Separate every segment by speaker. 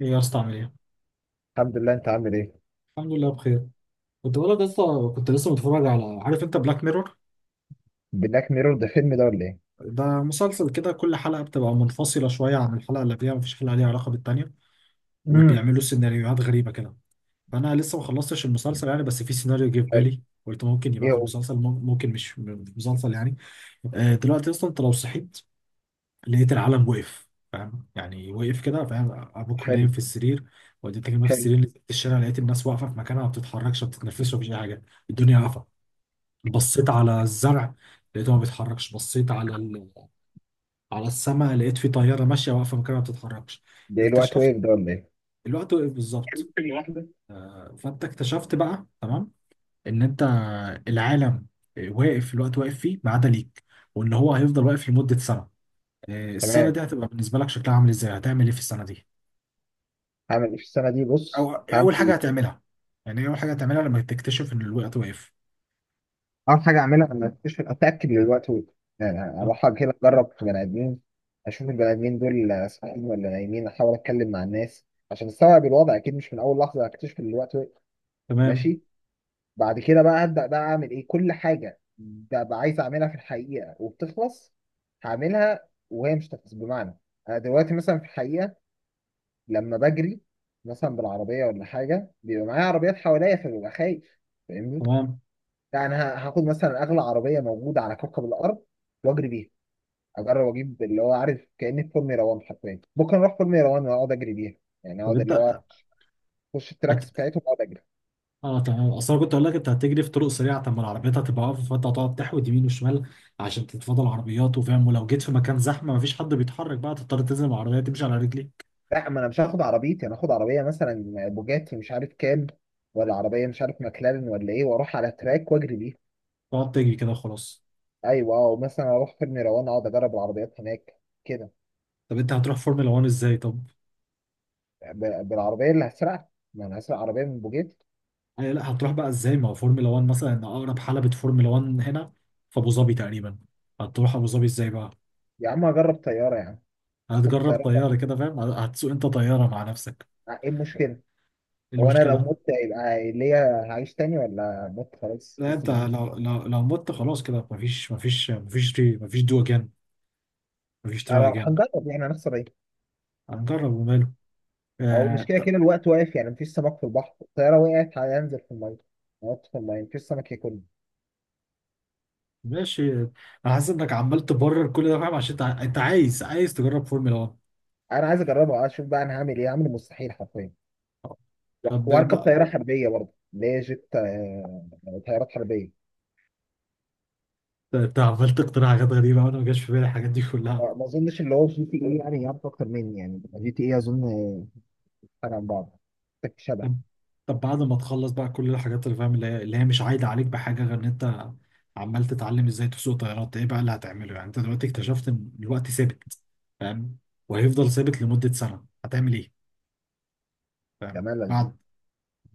Speaker 1: ايه يا اسطى عامل ايه؟
Speaker 2: الحمد لله، انت عامل ايه؟
Speaker 1: الحمد لله بخير. كنت بقول لك يا اسطى، كنت لسه متفرج على، عارف انت بلاك ميرور؟
Speaker 2: بلاك ميرور ده فيلم ده ولا ايه؟
Speaker 1: ده مسلسل كده، كل حلقة بتبقى منفصلة شوية عن الحلقة اللي قبلها، مفيش حلقة ليها علاقة بالتانية،
Speaker 2: امم
Speaker 1: وبيعملوا سيناريوهات غريبة كده. فأنا لسه ما خلصتش المسلسل يعني، بس في سيناريو جه في
Speaker 2: حلو.
Speaker 1: بالي، قلت ممكن يبقى
Speaker 2: ايه
Speaker 1: في
Speaker 2: هو؟
Speaker 1: المسلسل، ممكن مش في المسلسل يعني. آه، دلوقتي اصلا انت لو صحيت لقيت العالم وقف، فاهم يعني وقف كده، فاهم، ابوك نايم
Speaker 2: حلو.
Speaker 1: في السرير، والدتك نايمة في
Speaker 2: حلو.
Speaker 1: السرير، نزلت الشارع لقيت الناس واقفة في مكانها، ما بتتحركش، ما بتتنفسش، ما فيش أي حاجة، الدنيا واقفة. بصيت على الزرع لقيته ما بيتحركش، بصيت على على السماء لقيت في طياره ماشيه واقفه مكانها ما بتتحركش.
Speaker 2: ده ايه الوقت
Speaker 1: اكتشفت
Speaker 2: ويف ده ولا ايه؟
Speaker 1: الوقت وقف بالظبط. آه، فانت اكتشفت بقى، تمام، ان انت، العالم واقف، الوقت واقف فيه ما عدا ليك، وان هو هيفضل واقف لمده سنه. آه، السنه
Speaker 2: تمام.
Speaker 1: دي هتبقى بالنسبه لك شكلها عامل ازاي؟ هتعمل ايه في السنه دي؟
Speaker 2: هعمل ايه في السنه دي؟ بص،
Speaker 1: او إيه
Speaker 2: هعمل
Speaker 1: اول حاجه
Speaker 2: ايه؟
Speaker 1: هتعملها؟ يعني إيه اول حاجه هتعملها لما تكتشف ان الوقت واقف؟
Speaker 2: اول حاجه اعملها، انا اكتشف، اتاكد من الوقت ويف. يعني
Speaker 1: آه،
Speaker 2: اروح كده اجرب في بني ادمين، اشوف البني ادمين دول صاحيين ولا نايمين، احاول اتكلم مع الناس عشان استوعب الوضع. اكيد مش من اول لحظه هكتشف ان الوقت ويف.
Speaker 1: تمام.
Speaker 2: ماشي. بعد كده بقى هبدأ بقى أعمل إيه؟ كل حاجة ببقى عايز أعملها في الحقيقة وبتخلص، هعملها وهي مش تخلص. بمعنى، أنا دلوقتي مثلا في الحقيقة لما بجري مثلا بالعربية ولا حاجة بيبقى معايا عربيات حواليا فببقى خايف. فاهمني؟
Speaker 1: تمام.
Speaker 2: لا، أنا هاخد مثلا أغلى عربية موجودة على كوكب الأرض وأجري بيها. أجرب أجيب اللي هو عارف، كأني في فورمولا 1 حرفيا. ممكن أروح فورمولا 1 وأقعد أجري بيها. يعني
Speaker 1: طب
Speaker 2: أقعد اللي
Speaker 1: انت
Speaker 2: هو أخش التراكس
Speaker 1: هت-
Speaker 2: بتاعتهم وأقعد أجري.
Speaker 1: اه تمام، اصل انا كنت اقول لك انت هتجري في طرق سريعه، طب ما العربيات هتبقى واقفه، فانت هتقعد تحود يمين وشمال عشان تتفادى العربيات، وفاهم، ولو جيت في مكان زحمه مفيش حد بيتحرك بقى، تضطر تنزل من العربيه تمشي على رجليك،
Speaker 2: لا، ما انا مش هاخد عربيتي، انا هاخد عربيه مثلا بوجاتي مش عارف كام، ولا عربيه مش عارف ماكلارين ولا ايه، واروح على تراك واجري بيها.
Speaker 1: تقعد تجري كده وخلاص.
Speaker 2: ايوه، او مثلا اروح فيلم روان اقعد اجرب العربيات هناك كده.
Speaker 1: طب انت هتروح فورمولا 1 ازاي؟ طب
Speaker 2: بالعربيه اللي هسرقها، ما انا هسرق عربيه من بوجاتي.
Speaker 1: أي لا، هتروح بقى ازاي؟ ما هو فورمولا 1 مثلا ان اقرب حلبه فورمولا 1 هنا في ابو ظبي تقريبا، هتروح ابو ظبي ازاي بقى؟
Speaker 2: يا عم اجرب طياره يا عم. اخد
Speaker 1: هتجرب
Speaker 2: الطياره.
Speaker 1: طياره كده فاهم؟ هتسوق انت طياره مع نفسك؟
Speaker 2: آه، ايه المشكله؟
Speaker 1: إيه
Speaker 2: هو انا لو
Speaker 1: المشكله؟
Speaker 2: مت يبقى ليا هعيش تاني، ولا مت خلاص
Speaker 1: لا
Speaker 2: بس
Speaker 1: انت
Speaker 2: بنموت؟
Speaker 1: لو مت خلاص كده، مفيش مفيش دو اجين، مفيش تراي
Speaker 2: أنا
Speaker 1: اجين.
Speaker 2: هنجرب، يعني هنخسر ايه؟
Speaker 1: هنجرب وماله.
Speaker 2: او مش
Speaker 1: آه
Speaker 2: كده
Speaker 1: طب
Speaker 2: كده الوقت واقف، يعني مفيش سمك في البحر. الطياره وقعت هينزل في الميه، هنط في الميه مفيش سمك ياكل.
Speaker 1: ماشي، انا حاسس انك عمال تبرر كل ده، فاهم، عشان انت أنت عايز تجرب فورمولا 1.
Speaker 2: انا عايز اجربه اشوف بقى انا هعمل ايه. هعمل المستحيل حرفيا. لا،
Speaker 1: طب
Speaker 2: واركب
Speaker 1: بقى
Speaker 2: طياره حربيه برضه اللي هي جيت. طيارات حربيه.
Speaker 1: انت عمال تقترح حاجات غريبه وانا ما جاش في بالي الحاجات دي كلها.
Speaker 2: ما اظنش اللي هو جي تي ايه يعني يعرف اكتر مني. يعني جي تي ايه اظن فرق عن بعض، تك شبه.
Speaker 1: طب، طب بعد ما تخلص بقى كل الحاجات اللي فاهم، اللي هي مش عايده عليك بحاجه غير ان انت عمال تتعلم ازاي تسوق طيارات، ايه بقى اللي هتعمله؟ يعني انت دلوقتي اكتشفت ان الوقت ثابت، فاهم، وهيفضل ثابت لمده سنه، هتعمل ايه؟
Speaker 2: ده
Speaker 1: فاهم؟
Speaker 2: ملل.
Speaker 1: بعد،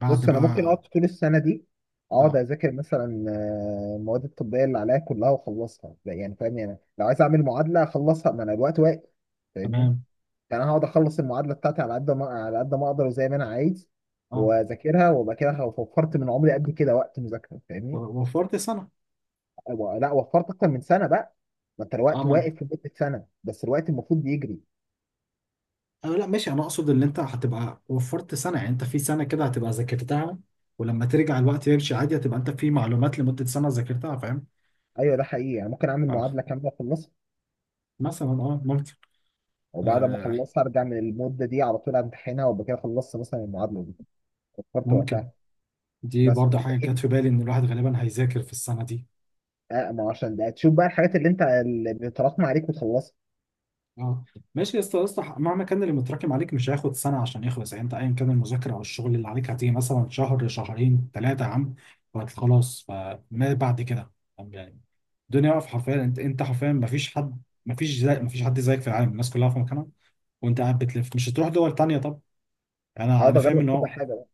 Speaker 1: بعد
Speaker 2: بص، انا ممكن اقعد
Speaker 1: بقى.
Speaker 2: طول السنه دي اقعد
Speaker 1: اه
Speaker 2: اذاكر مثلا المواد الطبيه اللي عليا كلها واخلصها. يعني فاهمني، انا لو عايز اعمل معادله اخلصها، ما انا الوقت واقف. فاهمني؟
Speaker 1: تمام.
Speaker 2: يعني انا هقعد اخلص المعادله بتاعتي على قد ما على قد ما اقدر وزي ما انا عايز،
Speaker 1: اه،
Speaker 2: واذاكرها وابقى كده وفرت من عمري قد كده وقت مذاكره. فاهمني؟
Speaker 1: وفرت سنه.
Speaker 2: لا، وفرت اكتر من سنه بقى. ما انت
Speaker 1: اه،
Speaker 2: الوقت
Speaker 1: ما
Speaker 2: واقف في مده سنه بس الوقت المفروض بيجري.
Speaker 1: آه لا ماشي، انا اقصد ان انت هتبقى وفرت سنه، يعني انت في سنه كده هتبقى ذاكرتها، ولما ترجع الوقت يمشي عادي هتبقى انت في معلومات لمده سنه ذاكرتها، فاهم.
Speaker 2: ايوه، ده حقيقي. يعني ممكن اعمل
Speaker 1: اه،
Speaker 2: معادله كامله اخلصها،
Speaker 1: مثلا اه، ممكن.
Speaker 2: وبعد ما
Speaker 1: آه
Speaker 2: اخلصها ارجع من المده دي على طول امتحنها وابقى كده خلصت مثلا المعادله دي، وفرت
Speaker 1: ممكن.
Speaker 2: وقتها.
Speaker 1: دي
Speaker 2: بس
Speaker 1: برضه
Speaker 2: انت
Speaker 1: حاجه جت
Speaker 2: ايه؟
Speaker 1: في بالي، ان الواحد غالبا هيذاكر في السنه دي.
Speaker 2: آه ما هو عشان ده، تشوف بقى الحاجات اللي انت اللي بتتراكم عليك وتخلصها.
Speaker 1: اه، ماشي يا اسطى، يا اسطى مهما كان اللي متراكم عليك مش هياخد سنه عشان يخلص، يعني انت ايا كان المذاكره او الشغل اللي عليك هتيجي مثلا شهر، شهرين، ثلاثه يا عم، خلاص، فما بعد كده، طب يعني، الدنيا واقفه حرفيا، انت، انت حرفيا ما فيش حد، ما فيش زي ما فيش حد زيك في العالم، الناس كلها في مكانها وانت قاعد بتلف، مش هتروح دول تانية، طب، يعني انا،
Speaker 2: هقعد
Speaker 1: انا فاهم
Speaker 2: اجرب
Speaker 1: ان
Speaker 2: كل
Speaker 1: هو.
Speaker 2: حاجه.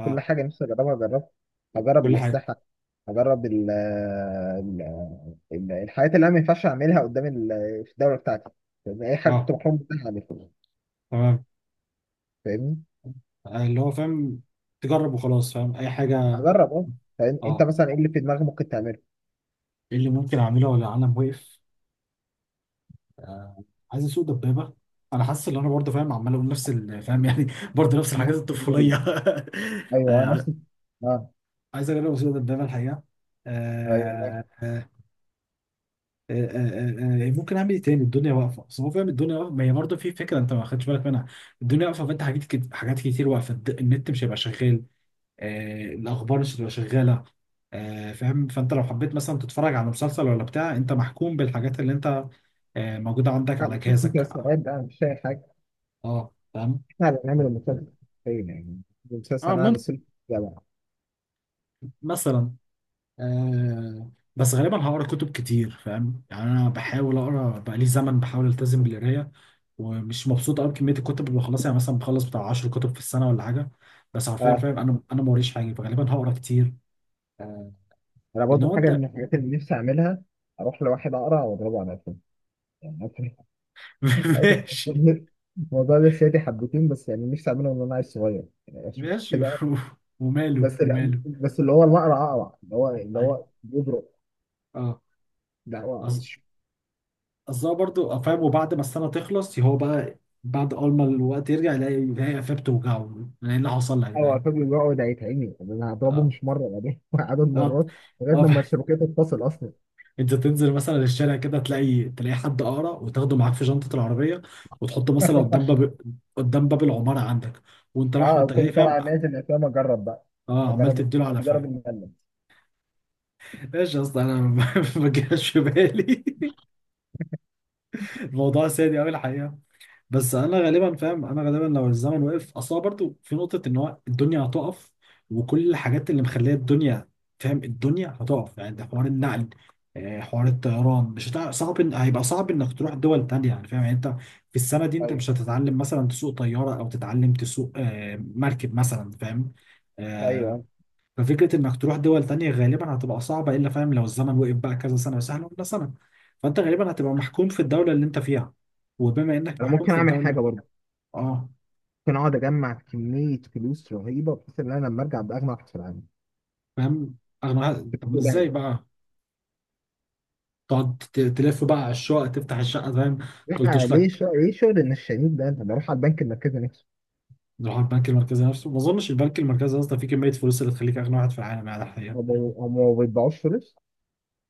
Speaker 2: كل حاجة نفسي أجربها أجربها. هجرب
Speaker 1: كل حاجه.
Speaker 2: الأسلحة. هجرب الحاجات اللي أنا ما ينفعش أعملها قدام في الدولة بتاعتي، لأن أي حاجة كنت
Speaker 1: اه
Speaker 2: محروم منها أعملها.
Speaker 1: تمام.
Speaker 2: فاهمني؟
Speaker 1: آه، اللي هو فاهم، تجرب وخلاص فاهم، اي حاجه.
Speaker 2: هجرب أه. فاهم؟ أنت
Speaker 1: اه،
Speaker 2: مثلا إيه اللي في دماغك ممكن تعمله؟
Speaker 1: ايه اللي ممكن اعمله ولا العالم وقف؟ آه، عايز اسوق دبابه. انا حاسس ان انا برضه فاهم، عمال اقول نفس فاهم يعني، برضه نفس الحاجات
Speaker 2: لا.
Speaker 1: الطفوليه.
Speaker 2: ايوه، انا
Speaker 1: آه،
Speaker 2: نفسي. اه.
Speaker 1: عايز اجرب اسوق دبابه الحقيقه.
Speaker 2: ايوه ماشي.
Speaker 1: آه، آه، آه، آه، آه، آه، ممكن اعمل ايه تاني؟ الدنيا واقفه، بس هو فاهم الدنيا واقفه، ما هي برضه في فكره انت ما خدتش بالك منها، الدنيا واقفه فانت حاجات حاجات كتير واقفه، النت مش هيبقى شغال. آه، الاخبار مش هتبقى شغاله. آه، فاهم، فانت لو حبيت مثلا تتفرج على مسلسل ولا بتاع، انت محكوم بالحاجات اللي انت، آه، موجوده عندك
Speaker 2: لا،
Speaker 1: على
Speaker 2: مفيش
Speaker 1: جهازك.
Speaker 2: مسلسلات بقى، مش شايف حاجة.
Speaker 1: اه فاهم.
Speaker 2: احنا اللي هنعمل المسلسل. ايه يعني، المسلسل
Speaker 1: اه
Speaker 2: انا
Speaker 1: ممكن،
Speaker 2: مثلت جماعة.
Speaker 1: مثلا. آه بس غالبا هقرا كتب كتير، فاهم، يعني انا بحاول اقرا بقالي زمن، بحاول التزم بالقرايه، ومش مبسوط قوي بكميه الكتب اللي بخلصها، يعني مثلا بخلص بتاع 10 كتب في السنه ولا حاجه، بس حرفيا
Speaker 2: اه،
Speaker 1: فاهم، انا، انا ما وريش حاجه، فغالبا هقرا كتير. آه،
Speaker 2: انا
Speaker 1: لان
Speaker 2: برضه
Speaker 1: هو
Speaker 2: حاجة
Speaker 1: انت.
Speaker 2: من الحاجات اللي نفسي اعملها، اروح لواحد اقرع واضربه على قفاه يعني.
Speaker 1: ماشي.
Speaker 2: الموضوع ده شادي حبتين بس، يعني نفسي اعمله من وانا عيل صغير يعني، عشان
Speaker 1: ماشي.
Speaker 2: كده.
Speaker 1: وماله
Speaker 2: بس لا،
Speaker 1: وماله.
Speaker 2: بس اللي هو الأقرع أقرع، اللي هو اللي
Speaker 1: ايوه.
Speaker 2: هو بيضرب.
Speaker 1: اه.
Speaker 2: لا، هو،
Speaker 1: أص- قصدها برضو فاهم، وبعد ما السنه تخلص هو بقى، بعد اول ما الوقت يرجع يلاقي، قفاه بتوجعه، يلاقي اللي حصل لك
Speaker 2: هو
Speaker 1: فاهم.
Speaker 2: الراجل بيقعد هيتعمي. يعني انا هضربه
Speaker 1: آه.
Speaker 2: مش مره، يعني عدد
Speaker 1: اه.
Speaker 2: مرات لغايه
Speaker 1: اه
Speaker 2: لما الشبكيه تتصل اصلا.
Speaker 1: انت تنزل مثلا الشارع كده، تلاقي حد اقرع وتاخده معاك في شنطه العربيه، وتحطه مثلا قدام باب، قدام باب العماره عندك، وانت رايح
Speaker 2: اه،
Speaker 1: وانت جاي،
Speaker 2: كنت
Speaker 1: فاهم.
Speaker 2: طالع نازل الافلام اجرب بقى.
Speaker 1: اه عمال
Speaker 2: اجرب
Speaker 1: تديله على،
Speaker 2: اجرب
Speaker 1: فاهم.
Speaker 2: الملل.
Speaker 1: ايش يا اسطى، انا ما ما جاش في بالي. الموضوع سادي قوي الحقيقه، بس انا غالبا فاهم، انا غالبا لو الزمن وقف اصلا برضو، في نقطه ان هو الدنيا هتقف، وكل الحاجات اللي مخليه الدنيا، فاهم، الدنيا هتقف يعني، ده حوار النقل، آه، حوار الطيران مش هتع... صعب إن... هيبقى صعب انك تروح دول تانية، يعني فاهم، يعني انت في السنه دي انت
Speaker 2: ايوه،
Speaker 1: مش هتتعلم مثلا تسوق طياره او تتعلم تسوق، آه، مركب مثلا، فاهم. آه،
Speaker 2: ايوه
Speaker 1: ففكره انك تروح دول تانية غالبا هتبقى صعبه، الا فاهم لو الزمن وقف بقى كذا سنه وسهل، ولا سنه فانت غالبا هتبقى محكوم في الدوله اللي انت فيها، وبما انك
Speaker 2: انا
Speaker 1: محكوم
Speaker 2: ممكن
Speaker 1: في
Speaker 2: اعمل حاجه
Speaker 1: الدوله.
Speaker 2: برضه.
Speaker 1: اه
Speaker 2: ممكن اقعد اجمع كميه فلوس رهيبه بحيث ان انا لما ارجع ابقى اغنى واحد في العالم.
Speaker 1: فاهم، اغنى واحد، طب ما ازاي بقى؟ تقعد تلف بقى على الشقق، تفتح الشقه فاهم،
Speaker 2: لا،
Speaker 1: تلطش لك.
Speaker 2: ليه شغل النشالين ده، انا بروح على البنك المركزي نفسه.
Speaker 1: نروح على البنك المركزي نفسه، ما اظنش البنك المركزي اصلا فيه كميه فلوس اللي تخليك اغنى واحد في العالم يعني الحقيقه.
Speaker 2: ما بي- هم ما بيطبعوش فلوس.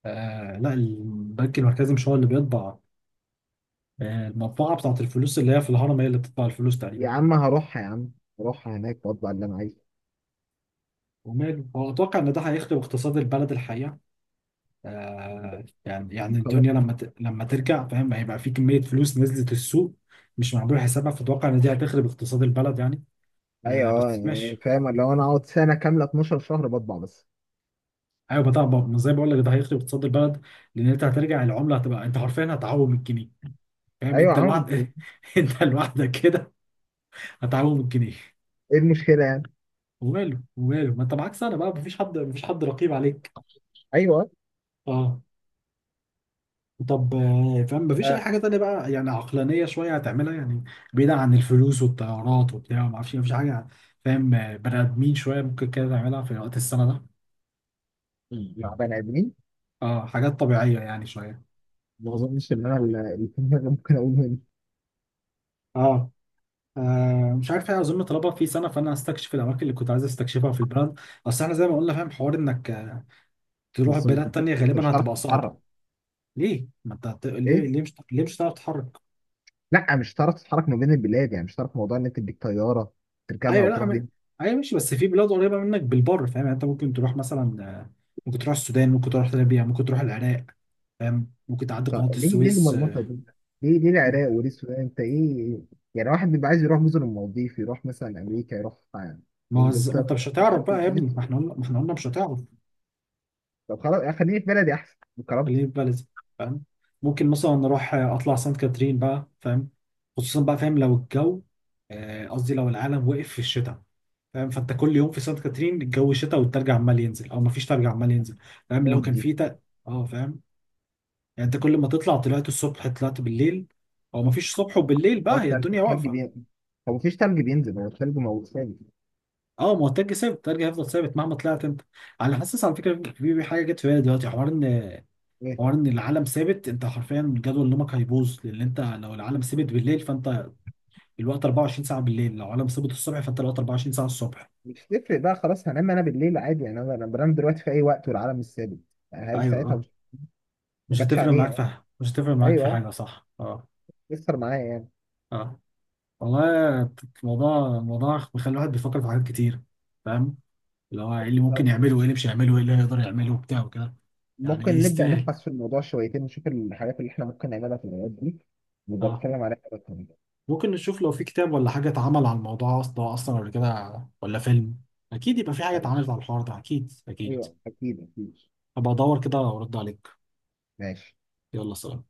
Speaker 1: آه لا، البنك المركزي مش هو اللي بيطبع. آه، المطبعه بتاعت الفلوس اللي هي في الهرم هي اللي بتطبع الفلوس
Speaker 2: يا
Speaker 1: تقريبا.
Speaker 2: عم هروح يا عم. هروح هناك واطبع اللي انا عايزه.
Speaker 1: وماله، هو اتوقع ان ده هيخدم اقتصاد البلد الحقيقه. آه، يعني، يعني
Speaker 2: طب خلاص.
Speaker 1: الدنيا لما ت... لما ترجع فاهم، هيبقى في كميه فلوس نزلت السوق مش معمول حسابها، فاتوقع ان دي هتخرب اقتصاد البلد يعني.
Speaker 2: ايوه،
Speaker 1: آه
Speaker 2: اه
Speaker 1: بس
Speaker 2: يعني
Speaker 1: ماشي.
Speaker 2: فاهم، لو انا اقعد سنه كامله 12 شهر بطبع بس.
Speaker 1: ايوه بتاع، زي ما زي بقول لك، ده هيخرب اقتصاد البلد، لان انت هترجع العمله هتبقى، انت حرفيا هتعوم الجنيه، فاهم،
Speaker 2: ايوه
Speaker 1: انت
Speaker 2: عم.
Speaker 1: لوحدك انت لوحدك كده هتعوم الجنيه.
Speaker 2: ايه المشكله يعني.
Speaker 1: وماله، وماله، ما انت معاك سنه بقى، مفيش حد، رقيب عليك.
Speaker 2: ايوه.
Speaker 1: اه. طب آه، فاهم، مفيش اي
Speaker 2: آه،
Speaker 1: حاجه تانيه بقى يعني عقلانيه شويه هتعملها يعني، بعيدا عن الفلوس والطيارات وبتاع، ما اعرفش إيه، مفيش حاجه يعني، فاهم، آه، بني ادمين شويه ممكن كده تعملها في وقت السنه ده.
Speaker 2: مع بني ادمين.
Speaker 1: اه، حاجات طبيعيه يعني شويه.
Speaker 2: ما اظنش ان انا اللي في دماغي ممكن اقول منه.
Speaker 1: اه. آه مش عارف ايه، اظن طلبها في سنه، فانا هستكشف الاماكن اللي كنت عايز استكشفها في البلد، اصل احنا زي ما قلنا فاهم، حوار انك، آه، تروح
Speaker 2: بس
Speaker 1: بلاد
Speaker 2: انت،
Speaker 1: تانية
Speaker 2: مش
Speaker 1: غالبا
Speaker 2: هتعرف
Speaker 1: هتبقى صعبه.
Speaker 2: تتحرك.
Speaker 1: ليه ما انت هت... ليه،
Speaker 2: ايه.
Speaker 1: ليه مش هتعرف تتحرك؟
Speaker 2: لا، مش هتعرف تتحرك ما بين البلاد. يعني مش هتعرف موضوع ان انت تديك طياره تركبها
Speaker 1: ايوه لا
Speaker 2: وتروح
Speaker 1: ما...
Speaker 2: بيها.
Speaker 1: ايوه ماشي، بس في بلاد قريبه منك بالبر فاهم، يعني انت ممكن تروح مثلا، آه، ممكن تروح السودان، ممكن تروح ليبيا، ممكن تروح العراق، فاهم، ممكن تعدي
Speaker 2: طب
Speaker 1: قناه
Speaker 2: ليه ليه
Speaker 1: السويس،
Speaker 2: المرمطه
Speaker 1: آه،
Speaker 2: دي؟ ليه ليه العراق وليه السودان؟ انت ايه يعني، واحد بيبقى عايز يروح مثلا المالديف، يروح مثلا امريكا، يروح
Speaker 1: ما هو
Speaker 2: انجلترا،
Speaker 1: ما انت مش
Speaker 2: يروح مش
Speaker 1: هتعرف
Speaker 2: عارف ايه.
Speaker 1: بقى يا ابني، ما احنا قلنا، مش هتعرف.
Speaker 2: طب خلاص، خليني في بلدي احسن
Speaker 1: خليني
Speaker 2: بكرامتي.
Speaker 1: في بلدي. فاهم، ممكن مثلا نروح، آه، اطلع سانت كاترين بقى، فاهم، خصوصا بقى فاهم لو الجو، آه، قصدي لو العالم وقف في الشتاء، فاهم، فانت كل يوم في سانت كاترين الجو شتاء، والتلج عمال ينزل او مفيش تلج عمال ينزل، فاهم، لو
Speaker 2: موت
Speaker 1: كان
Speaker 2: دي.
Speaker 1: في تلج. اه، فاهم، يعني انت كل ما تطلع، طلعت الصبح، طلعت بالليل، او مفيش صبح وبالليل
Speaker 2: هو
Speaker 1: بقى، هي
Speaker 2: التلج،
Speaker 1: الدنيا
Speaker 2: التلج
Speaker 1: واقفه.
Speaker 2: بينزل؟ هو مفيش تلج بينزل؟ هو التلج موجود ثابت؟
Speaker 1: اه، ما هو التلج ثابت، التلج هيفضل ثابت مهما طلعت انت، على حاسس على فكره، في في حاجه جت في بالي دلوقتي، حوار ان،
Speaker 2: ايه،
Speaker 1: العالم ثابت، انت حرفيا جدول نومك هيبوظ، لان انت لو العالم ثابت بالليل فانت الوقت 24 ساعه بالليل، لو العالم ثابت الصبح فانت الوقت 24 ساعه الصبح.
Speaker 2: مش تفرق بقى خلاص. هنام انا بالليل عادي يعني. أنا بنام دلوقتي في اي وقت والعالم مش ثابت. يعني هاجي
Speaker 1: ايوه.
Speaker 2: ساعتها،
Speaker 1: اه.
Speaker 2: مش ما
Speaker 1: مش
Speaker 2: جاتش
Speaker 1: هتفرق معاك
Speaker 2: عليها.
Speaker 1: في حاجة. مش هتفرق معاك في
Speaker 2: ايوه
Speaker 1: حاجه، صح. اه.
Speaker 2: يسر معايا يعني.
Speaker 1: اه والله، الموضوع، بيخلي الواحد بيفكر في حاجات كتير، فاهم، اللي هو ايه اللي ممكن يعمله، وايه اللي مش هيعمله، وايه اللي هيقدر يعمله، وبتاع وكده. يعني
Speaker 2: ممكن نبدأ
Speaker 1: يستاهل.
Speaker 2: نبحث في الموضوع شويتين، نشوف الحاجات اللي احنا ممكن نعملها في الأوقات دي، نبقى
Speaker 1: اه
Speaker 2: نتكلم عليها بس.
Speaker 1: ممكن نشوف لو في كتاب ولا حاجه اتعمل على الموضوع اصلا، اصلا ولا كده ولا فيلم، اكيد يبقى في حاجه اتعملت
Speaker 2: أيوه،
Speaker 1: على الحوار ده، اكيد اكيد.
Speaker 2: أيوه أكيد أكيد.
Speaker 1: هبقى ادور كده وارد عليك.
Speaker 2: ماشي.
Speaker 1: يلا سلام.